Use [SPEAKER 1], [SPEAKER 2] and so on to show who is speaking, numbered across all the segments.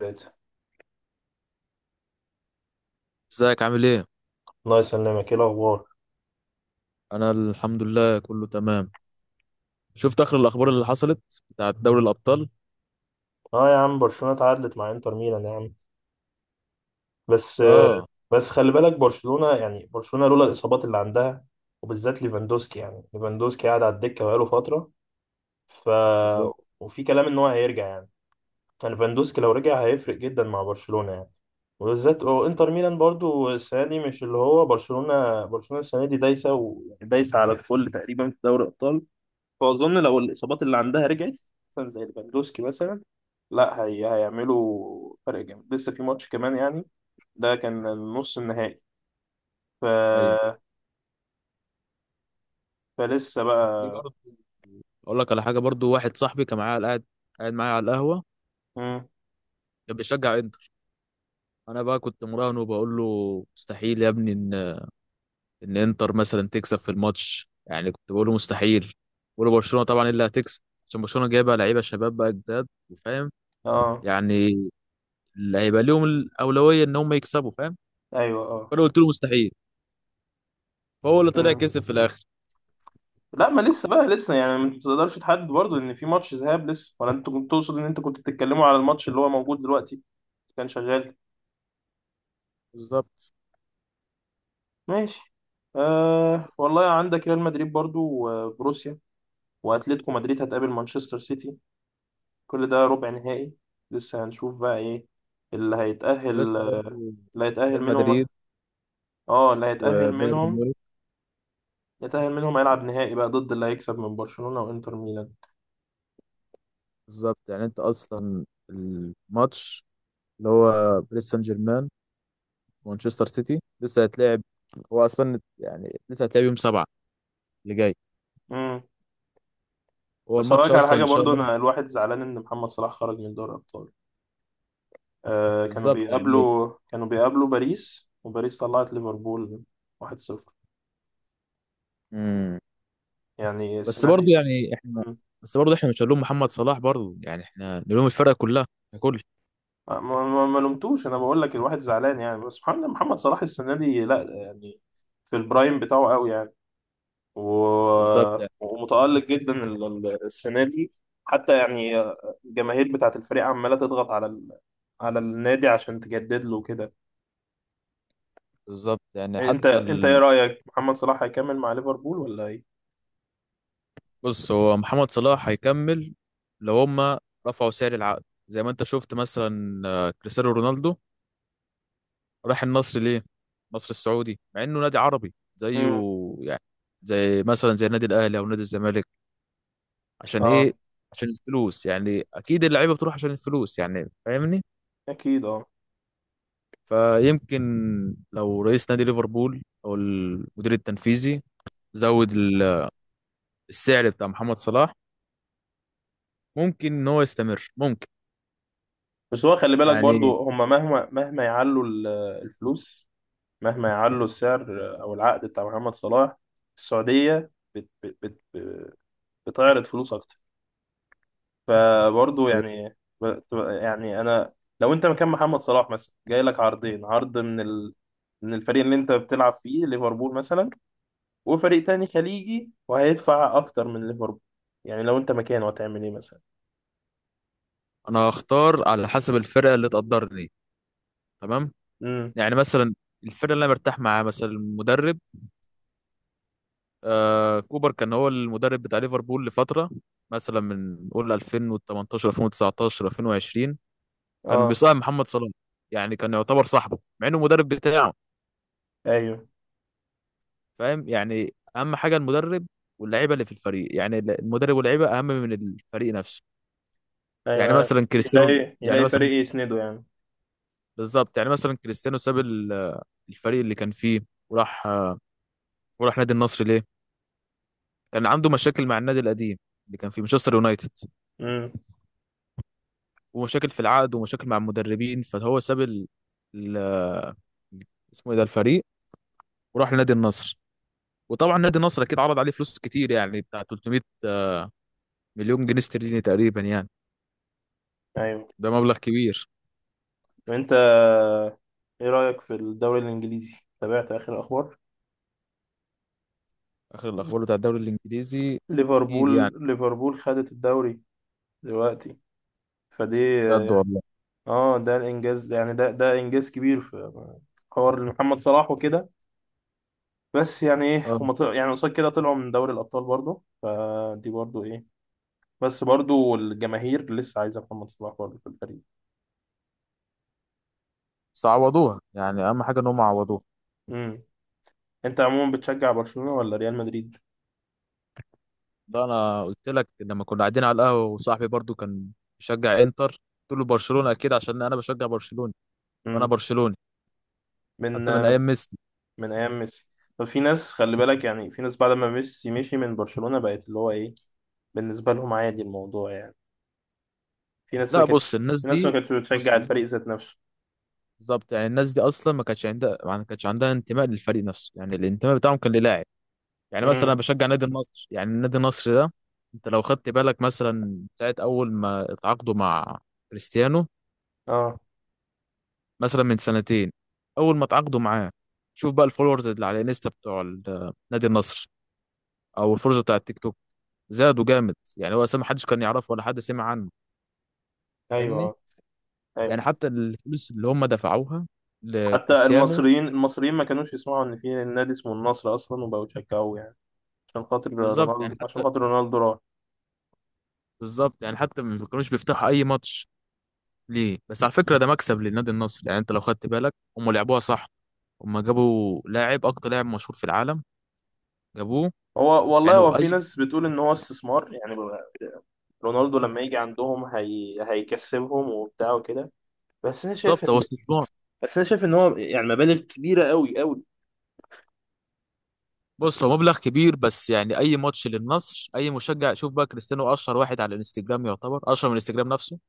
[SPEAKER 1] بيت،
[SPEAKER 2] ازيك عامل ايه؟
[SPEAKER 1] الله يسلمك، ايه الاخبار؟
[SPEAKER 2] انا الحمد لله كله تمام. شفت اخر الاخبار اللي حصلت بتاعت دوري الابطال؟
[SPEAKER 1] اه يا عم، برشلونه اتعادلت مع انتر ميلان يا عم. بس
[SPEAKER 2] اه.
[SPEAKER 1] بس خلي بالك برشلونه، يعني برشلونه لولا الاصابات اللي عندها، وبالذات ليفاندوسكي. يعني ليفاندوسكي قاعد على الدكه بقاله فتره. ف
[SPEAKER 2] بالظبط.
[SPEAKER 1] وفي كلام ان هو هيرجع يعني. يعني ليفاندوسكي لو رجع هيفرق جدا مع برشلونه يعني. وبالذات وانتر ميلان برضو السنه دي، مش اللي هو برشلونه السنه دي دايسه ودايسه على الكل تقريبا في دوري الابطال. فأظن لو الإصابات اللي عندها رجعت، مثلا زي ليفاندوسكي مثلا، لا هي هيعملوا فرق جامد لسه في ماتش كمان يعني. ده كان النص النهائي. ف...
[SPEAKER 2] ايوه.
[SPEAKER 1] فلسه
[SPEAKER 2] في
[SPEAKER 1] بقى.
[SPEAKER 2] برضه. اقول لك على حاجه برضه، واحد صاحبي كان معايا قاعد، قاعد معايا على القهوه،
[SPEAKER 1] مم.
[SPEAKER 2] كان بيشجع انتر. انا بقى كنت مراهنه وبقول له مستحيل يا ابني ان ان انتر مثلا تكسب في الماتش، يعني كنت بقول له مستحيل. بقول له برشلونه طبعا إيه اللي هتكسب؟ عشان برشلونه جايبه لعيبه شباب بقى جداد وفاهم،
[SPEAKER 1] اه،
[SPEAKER 2] يعني اللي هيبقى ليهم الاولويه ان هم يكسبوا، فاهم؟
[SPEAKER 1] ايوه اه.
[SPEAKER 2] فانا قلت له مستحيل، فهو اللي طلع
[SPEAKER 1] مم.
[SPEAKER 2] كسب في الاخر.
[SPEAKER 1] لا ما لسه بقى، لسه يعني ما تقدرش تحدد برضه ان في ماتش ذهاب لسه، ولا انت كنت تقصد ان انت كنت بتتكلموا على الماتش اللي هو موجود دلوقتي؟ كان شغال.
[SPEAKER 2] بالظبط.
[SPEAKER 1] ماشي. آه والله، عندك ريال مدريد برضه وبروسيا، واتلتيكو مدريد هتقابل مانشستر سيتي، كل ده ربع نهائي. لسه هنشوف بقى ايه اللي
[SPEAKER 2] ولسه
[SPEAKER 1] هيتأهل،
[SPEAKER 2] برضه
[SPEAKER 1] آه، اللي هيتأهل
[SPEAKER 2] ريال مدريد
[SPEAKER 1] منهم. اه، اللي هيتأهل
[SPEAKER 2] وبايرن
[SPEAKER 1] منهم
[SPEAKER 2] ميونخ.
[SPEAKER 1] يتأهل منهم هيلعب نهائي بقى ضد اللي هيكسب من برشلونة وانتر ميلان.
[SPEAKER 2] بالظبط، يعني انت اصلا الماتش اللي هو باريس سان جيرمان ومانشستر سيتي لسه هيتلعب، هو اصلا يعني لسه هيتلعب يوم سبعة اللي جاي،
[SPEAKER 1] امم.
[SPEAKER 2] هو
[SPEAKER 1] بس
[SPEAKER 2] الماتش
[SPEAKER 1] هقولك على
[SPEAKER 2] اصلا
[SPEAKER 1] حاجة
[SPEAKER 2] ان شاء
[SPEAKER 1] برضو،
[SPEAKER 2] الله.
[SPEAKER 1] انا الواحد زعلان ان محمد صلاح خرج من دوري الابطال. آه، كانوا
[SPEAKER 2] بالظبط يعني.
[SPEAKER 1] بيقابلوا كانوا بيقابلوا باريس، وباريس طلعت ليفربول 1-0.
[SPEAKER 2] امم.
[SPEAKER 1] يعني
[SPEAKER 2] بس
[SPEAKER 1] السنة
[SPEAKER 2] برضه
[SPEAKER 1] دي.
[SPEAKER 2] يعني احنا،
[SPEAKER 1] مم.
[SPEAKER 2] بس برضه احنا مش هنلوم محمد صلاح برضه، يعني احنا نلوم الفرقه كلها ككل.
[SPEAKER 1] ما لومتوش، انا بقول لك الواحد زعلان يعني. بس سبحان الله، محمد صلاح السنة دي لا يعني، في البرايم بتاعه قوي يعني.
[SPEAKER 2] بالظبط
[SPEAKER 1] و-
[SPEAKER 2] يعني.
[SPEAKER 1] ومتألق جدا. السنة دي. حتى يعني الجماهير بتاعة الفريق عمالة تضغط على النادي عشان تجدد له كده.
[SPEAKER 2] بالظبط يعني
[SPEAKER 1] انت
[SPEAKER 2] حتى.
[SPEAKER 1] انت ايه رأيك، محمد صلاح هيكمل مع ليفربول ولا ايه؟
[SPEAKER 2] بص، هو محمد صلاح هيكمل لو هما رفعوا سعر العقد، زي ما انت شفت مثلا آه، كريستيانو رونالدو راح النصر ليه؟ النصر السعودي، مع انه نادي عربي زيه،
[SPEAKER 1] امم.
[SPEAKER 2] يعني زي مثلا زي النادي الاهلي او نادي الزمالك. عشان ايه؟
[SPEAKER 1] اه
[SPEAKER 2] عشان الفلوس، يعني اكيد اللعيبه بتروح عشان الفلوس، يعني فاهمني؟
[SPEAKER 1] اكيد اه.
[SPEAKER 2] فيمكن لو رئيس نادي ليفربول او المدير التنفيذي زود ال- السعر بتاع محمد صلاح، ممكن ان هو يستمر، ممكن.
[SPEAKER 1] بس هو خلي بالك
[SPEAKER 2] يعني
[SPEAKER 1] برضو هما مهما الفلوس، مهما يعلوا السعر او العقد بتاع محمد صلاح، السعودية بتعرض فلوس اكتر. فبرضه يعني ب- يعني انا، لو انت مكان محمد صلاح مثلا جاي لك عرضين، عرض من الفريق اللي انت بتلعب فيه ليفربول مثلا، وفريق تاني خليجي وهيدفع اكتر من ليفربول، يعني لو انت مكانه هتعمل ايه مثلا؟
[SPEAKER 2] انا هختار على حسب الفرقه اللي تقدرني، تمام؟
[SPEAKER 1] امم.
[SPEAKER 2] يعني مثلا الفرقه اللي انا مرتاح معاها، مثلا المدرب. آه، كوبر كان هو المدرب بتاع ليفربول لفتره، مثلا من قول 2018 2019 2020، كان
[SPEAKER 1] اه،
[SPEAKER 2] بيصاحب محمد صلاح، يعني كان يعتبر صاحبه مع انه المدرب بتاعه.
[SPEAKER 1] ايوه.
[SPEAKER 2] فاهم؟ يعني اهم حاجه المدرب واللعيبه اللي في الفريق، يعني المدرب واللعيبه اهم من الفريق نفسه. يعني
[SPEAKER 1] ايوه.
[SPEAKER 2] مثلا كريستيانو،
[SPEAKER 1] يلاقي
[SPEAKER 2] يعني
[SPEAKER 1] يلاقي
[SPEAKER 2] مثلا،
[SPEAKER 1] فريق يسنده يعني.
[SPEAKER 2] بالظبط يعني مثلا كريستيانو ساب ال- الفريق اللي كان فيه وراح، وراح نادي النصر ليه؟ كان عنده مشاكل مع النادي القديم اللي كان في مانشستر يونايتد،
[SPEAKER 1] امم.
[SPEAKER 2] ومشاكل في العقد ومشاكل مع المدربين، فهو ساب ال... ال... اسمه ايه ده الفريق، وراح لنادي النصر. وطبعا نادي النصر اكيد عرض عليه فلوس كتير، يعني بتاع 300 مليون جنيه استرليني تقريبا يعني،
[SPEAKER 1] ايوه.
[SPEAKER 2] ده مبلغ كبير.
[SPEAKER 1] وانت ايه رايك في الدوري الانجليزي؟ تابعت اخر اخبار؟
[SPEAKER 2] اخر الاخبار بتاع الدوري الانجليزي، اكيد يعني.
[SPEAKER 1] ليفربول خدت الدوري دلوقتي فدي.
[SPEAKER 2] بجد والله.
[SPEAKER 1] اه، ده الانجاز يعني، ده انجاز كبير في حوار محمد صلاح وكده. بس يعني ايه،
[SPEAKER 2] اه.
[SPEAKER 1] هم طلعوا يعني قصاد كده، طلعوا من دوري الابطال برضو فدي برضو ايه. بس برضو الجماهير لسه عايزه محمد صلاح برضو في الفريق.
[SPEAKER 2] بس عوضوها يعني، اهم حاجه ان هم عوضوها.
[SPEAKER 1] امم. انت عموما بتشجع برشلونه ولا ريال مدريد؟
[SPEAKER 2] ده انا قلت لك لما كنا قاعدين على القهوه وصاحبي برضو كان بيشجع انتر، قلت له برشلونه اكيد، عشان انا بشجع برشلونه وانا
[SPEAKER 1] امم.
[SPEAKER 2] برشلوني حتى من
[SPEAKER 1] من،
[SPEAKER 2] ايام ميسي.
[SPEAKER 1] من ايام ميسي. طب في ناس خلي بالك، يعني في ناس بعد ما ميسي مشي من برشلونه بقت اللي هو ايه، بالنسبه لهم عادي الموضوع يعني. في ناس ما
[SPEAKER 2] لا،
[SPEAKER 1] كانتش
[SPEAKER 2] بص الناس
[SPEAKER 1] في ناس ما
[SPEAKER 2] دي،
[SPEAKER 1] كانتش
[SPEAKER 2] بص
[SPEAKER 1] بتشجع الفريق
[SPEAKER 2] الناس-
[SPEAKER 1] ذات نفسه.
[SPEAKER 2] بالظبط يعني الناس دي اصلا ما كانتش عندها، ما كانتش عندها انتماء للفريق نفسه، يعني الانتماء بتاعهم كان للاعب. يعني مثلا
[SPEAKER 1] امم.
[SPEAKER 2] انا بشجع نادي النصر، يعني النادي النصر ده، انت لو خدت بالك مثلا ساعه اول ما اتعاقدوا مع كريستيانو،
[SPEAKER 1] اه،
[SPEAKER 2] مثلا من سنتين، اول ما اتعاقدوا معاه، شوف بقى الفولورز اللي على الانستا بتوع ال- نادي النصر، او الفولورز بتاع التيك توك، زادوا جامد يعني. هو أساسا ما حدش كان يعرفه ولا حد سمع عنه، فاهمني؟
[SPEAKER 1] ايوه. آه.
[SPEAKER 2] يعني حتى الفلوس اللي هم دفعوها
[SPEAKER 1] حتى
[SPEAKER 2] لكريستيانو.
[SPEAKER 1] المصريين ما كانوش يسمعوا ان في نادي اسمه النصر اصلا وبقوا يشجعوه يعني.
[SPEAKER 2] بالظبط يعني
[SPEAKER 1] عشان
[SPEAKER 2] حتى،
[SPEAKER 1] خاطر رونالدو راح.
[SPEAKER 2] بالظبط يعني حتى ما كانوش بيفتحوا اي ماتش ليه، بس على فكره ده مكسب للنادي النصر. يعني انت لو خدت بالك هم لعبوها صح، هم جابوا لاعب اكتر لاعب مشهور في العالم، جابوه.
[SPEAKER 1] هو والله،
[SPEAKER 2] يعني
[SPEAKER 1] هو في
[SPEAKER 2] اي.
[SPEAKER 1] ناس بتقول ان هو استثمار يعني، رونالدو لما يجي عندهم هيكسبهم وبتاع وكده. بس انا شايف
[SPEAKER 2] بالظبط، هو
[SPEAKER 1] ان
[SPEAKER 2] استثمار.
[SPEAKER 1] بس انا شايف ان هو يعني مبالغ كبيرة قوي.
[SPEAKER 2] بص، هو مبلغ كبير، بس يعني اي ماتش للنصر اي مشجع، شوف بقى كريستيانو اشهر واحد على الانستجرام، يعتبر اشهر من الانستجرام نفسه.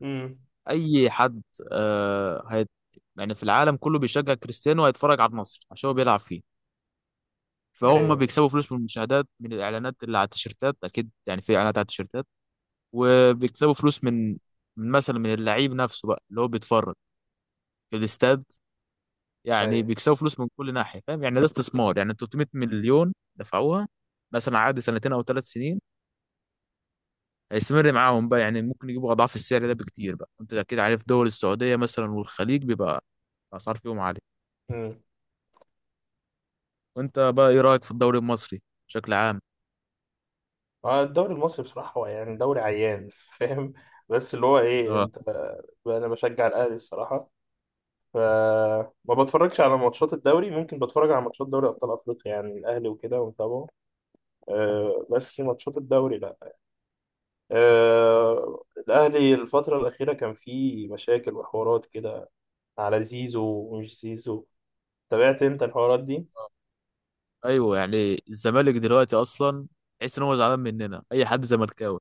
[SPEAKER 1] امم.
[SPEAKER 2] اي حد آه هيت، يعني في العالم كله بيشجع كريستيانو هيتفرج على النصر عشان هو بيلعب فيه، فهم
[SPEAKER 1] ايوه.
[SPEAKER 2] بيكسبوا فلوس من المشاهدات، من الاعلانات اللي على التيشيرتات، اكيد يعني في اعلانات على التيشيرتات. وبيكسبوا فلوس من، من مثلا، من اللعيب نفسه بقى اللي هو بيتفرج في الاستاد. يعني
[SPEAKER 1] ايوه.
[SPEAKER 2] بيكسبوا فلوس من كل ناحيه. فاهم؟ يعني ده استثمار، يعني 300 مليون دفعوها مثلا عقد سنتين او ثلاث سنين، هيستمر معاهم بقى، يعني ممكن يجيبوا اضعاف السعر ده بكتير بقى، انت اكيد عارف دول السعوديه مثلا والخليج بيبقى الاسعار فيهم عاليه.
[SPEAKER 1] امم.
[SPEAKER 2] وانت بقى ايه رايك في الدوري المصري بشكل عام؟
[SPEAKER 1] آه، الدوري المصري بصراحة هو يعني دوري عيان فاهم. بس اللي هو ايه
[SPEAKER 2] آه.
[SPEAKER 1] انت، انا بشجع الاهلي الصراحة، فما بتفرجش على ماتشات الدوري، ممكن بتفرج على ماتشات دوري ابطال افريقيا، يعني الاهلي وكده ومتابعه. أه بس ماتشات الدوري لا. أه الاهلي الفتره الاخيره كان فيه مشاكل وحوارات كده، على زيزو ومش زيزو. تابعت انت الحوارات دي؟
[SPEAKER 2] ايوه يعني الزمالك دلوقتي اصلا تحس ان هو زعلان مننا اي حد زملكاوي،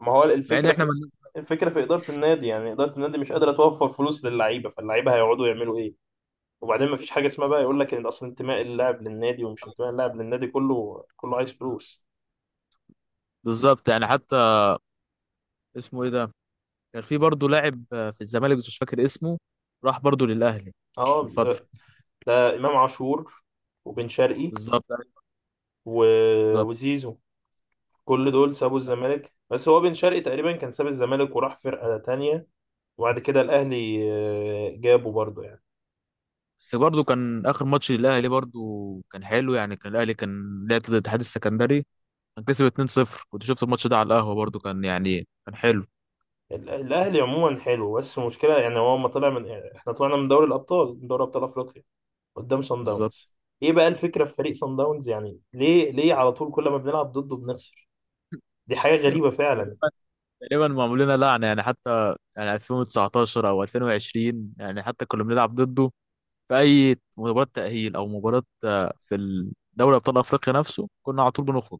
[SPEAKER 1] ما هو
[SPEAKER 2] مع ان
[SPEAKER 1] الفكره
[SPEAKER 2] احنا
[SPEAKER 1] في
[SPEAKER 2] من...
[SPEAKER 1] الفكره في اداره النادي، يعني اداره النادي مش قادره توفر فلوس للعيبه، فاللعيبه هيقعدوا يعملوا ايه؟ وبعدين ما فيش حاجه اسمها بقى يقول لك ان اصل انتماء اللاعب للنادي ومش انتماء اللاعب للنادي، كله كله عايز فلوس.
[SPEAKER 2] بالظبط يعني حتى، اسمه ايه ده، كان في برضه لاعب آه، في الزمالك بس مش فاكر اسمه، راح برضه للاهلي من
[SPEAKER 1] اه،
[SPEAKER 2] فتره.
[SPEAKER 1] ده امام عاشور، وبن شرقي،
[SPEAKER 2] بالظبط أيوة،
[SPEAKER 1] و...
[SPEAKER 2] بالظبط.
[SPEAKER 1] وزيزو. كل دول سابوا الزمالك، بس هو بن شرقي تقريبا كان ساب الزمالك وراح فرقة تانية، وبعد كده الاهلي آه، جابه برضه يعني.
[SPEAKER 2] بس برضه كان اخر ماتش للاهلي برضه كان حلو، يعني كان الاهلي كان لعب ضد الاتحاد السكندري، كان كسب 2-0، كنت شفت الماتش ده على القهوه برضه، كان يعني كان حلو.
[SPEAKER 1] ال- الاهلي عموما حلو، بس المشكله يعني هو ما طلع من، يعني احنا طلعنا من دوري الابطال، من دوري ابطال افريقيا، قدام صن
[SPEAKER 2] بالظبط.
[SPEAKER 1] داونز. ايه بقى الفكره في فريق صن داونز، يعني ليه، ليه على طول كل ما بنلعب ضده بنخسر؟ دي حاجه غريبه
[SPEAKER 2] تقريبا،
[SPEAKER 1] فعلا.
[SPEAKER 2] تقريباً معمول لنا لعنه، يعني حتى يعني 2019 او 2020 يعني حتى كنا بنلعب ضده في اي مباراه تاهيل او مباراه آه، في الدوري ابطال افريقيا نفسه كنا على طول بنخرج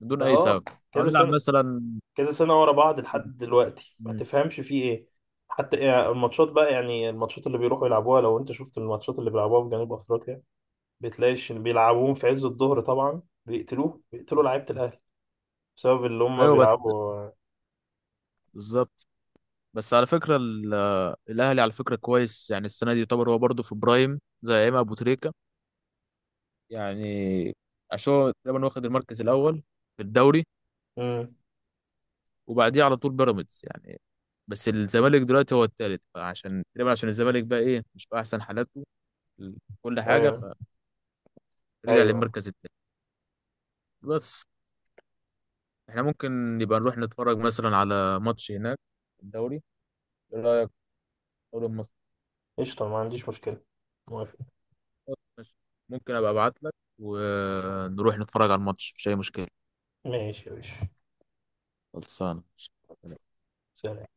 [SPEAKER 2] من دون
[SPEAKER 1] ده
[SPEAKER 2] اي
[SPEAKER 1] اه،
[SPEAKER 2] سبب، او
[SPEAKER 1] كذا
[SPEAKER 2] نلعب
[SPEAKER 1] سنه،
[SPEAKER 2] مثلا.
[SPEAKER 1] كذا سنة ورا بعض لحد دلوقتي ما
[SPEAKER 2] مم.
[SPEAKER 1] تفهمش فيه ايه. حتى يعني الماتشات بقى، يعني الماتشات اللي بيروحوا يلعبوها، لو انت شفت الماتشات اللي بيلعبوها في جنوب افريقيا، بتلاقيش إن بيلعبوهم في عز الظهر، طبعا بيقتلوه، بيقتلوا لعيبة الاهلي بسبب اللي هم
[SPEAKER 2] ايوه بس،
[SPEAKER 1] بيلعبوا.
[SPEAKER 2] بالظبط. بس على فكره ال- الاهلي على فكره كويس، يعني السنه دي يعتبر هو برضه في برايم زي امام ابو تريكه يعني، عشان هو تقريبا واخد المركز الاول في الدوري،
[SPEAKER 1] امم.
[SPEAKER 2] وبعديه على طول بيراميدز يعني، بس الزمالك دلوقتي هو الثالث، فعشان تقريبا عشان الزمالك بقى ايه مش في احسن حالاته، ال- كل حاجه،
[SPEAKER 1] ايوه.
[SPEAKER 2] فرجع
[SPEAKER 1] ايوه.
[SPEAKER 2] للمركز الثاني. بس احنا ممكن نبقى نروح نتفرج مثلا على ماتش هناك في الدوري، ايه رايك في الدوري المصري؟
[SPEAKER 1] قشطة، ما عنديش مشكلة، موافق.
[SPEAKER 2] خلاص ماشي. ممكن ابقى ابعت لك ونروح نتفرج على الماتش، مفيش اي مشكله،
[SPEAKER 1] ماشي يا باشا.
[SPEAKER 2] خلصانه.
[SPEAKER 1] سلام.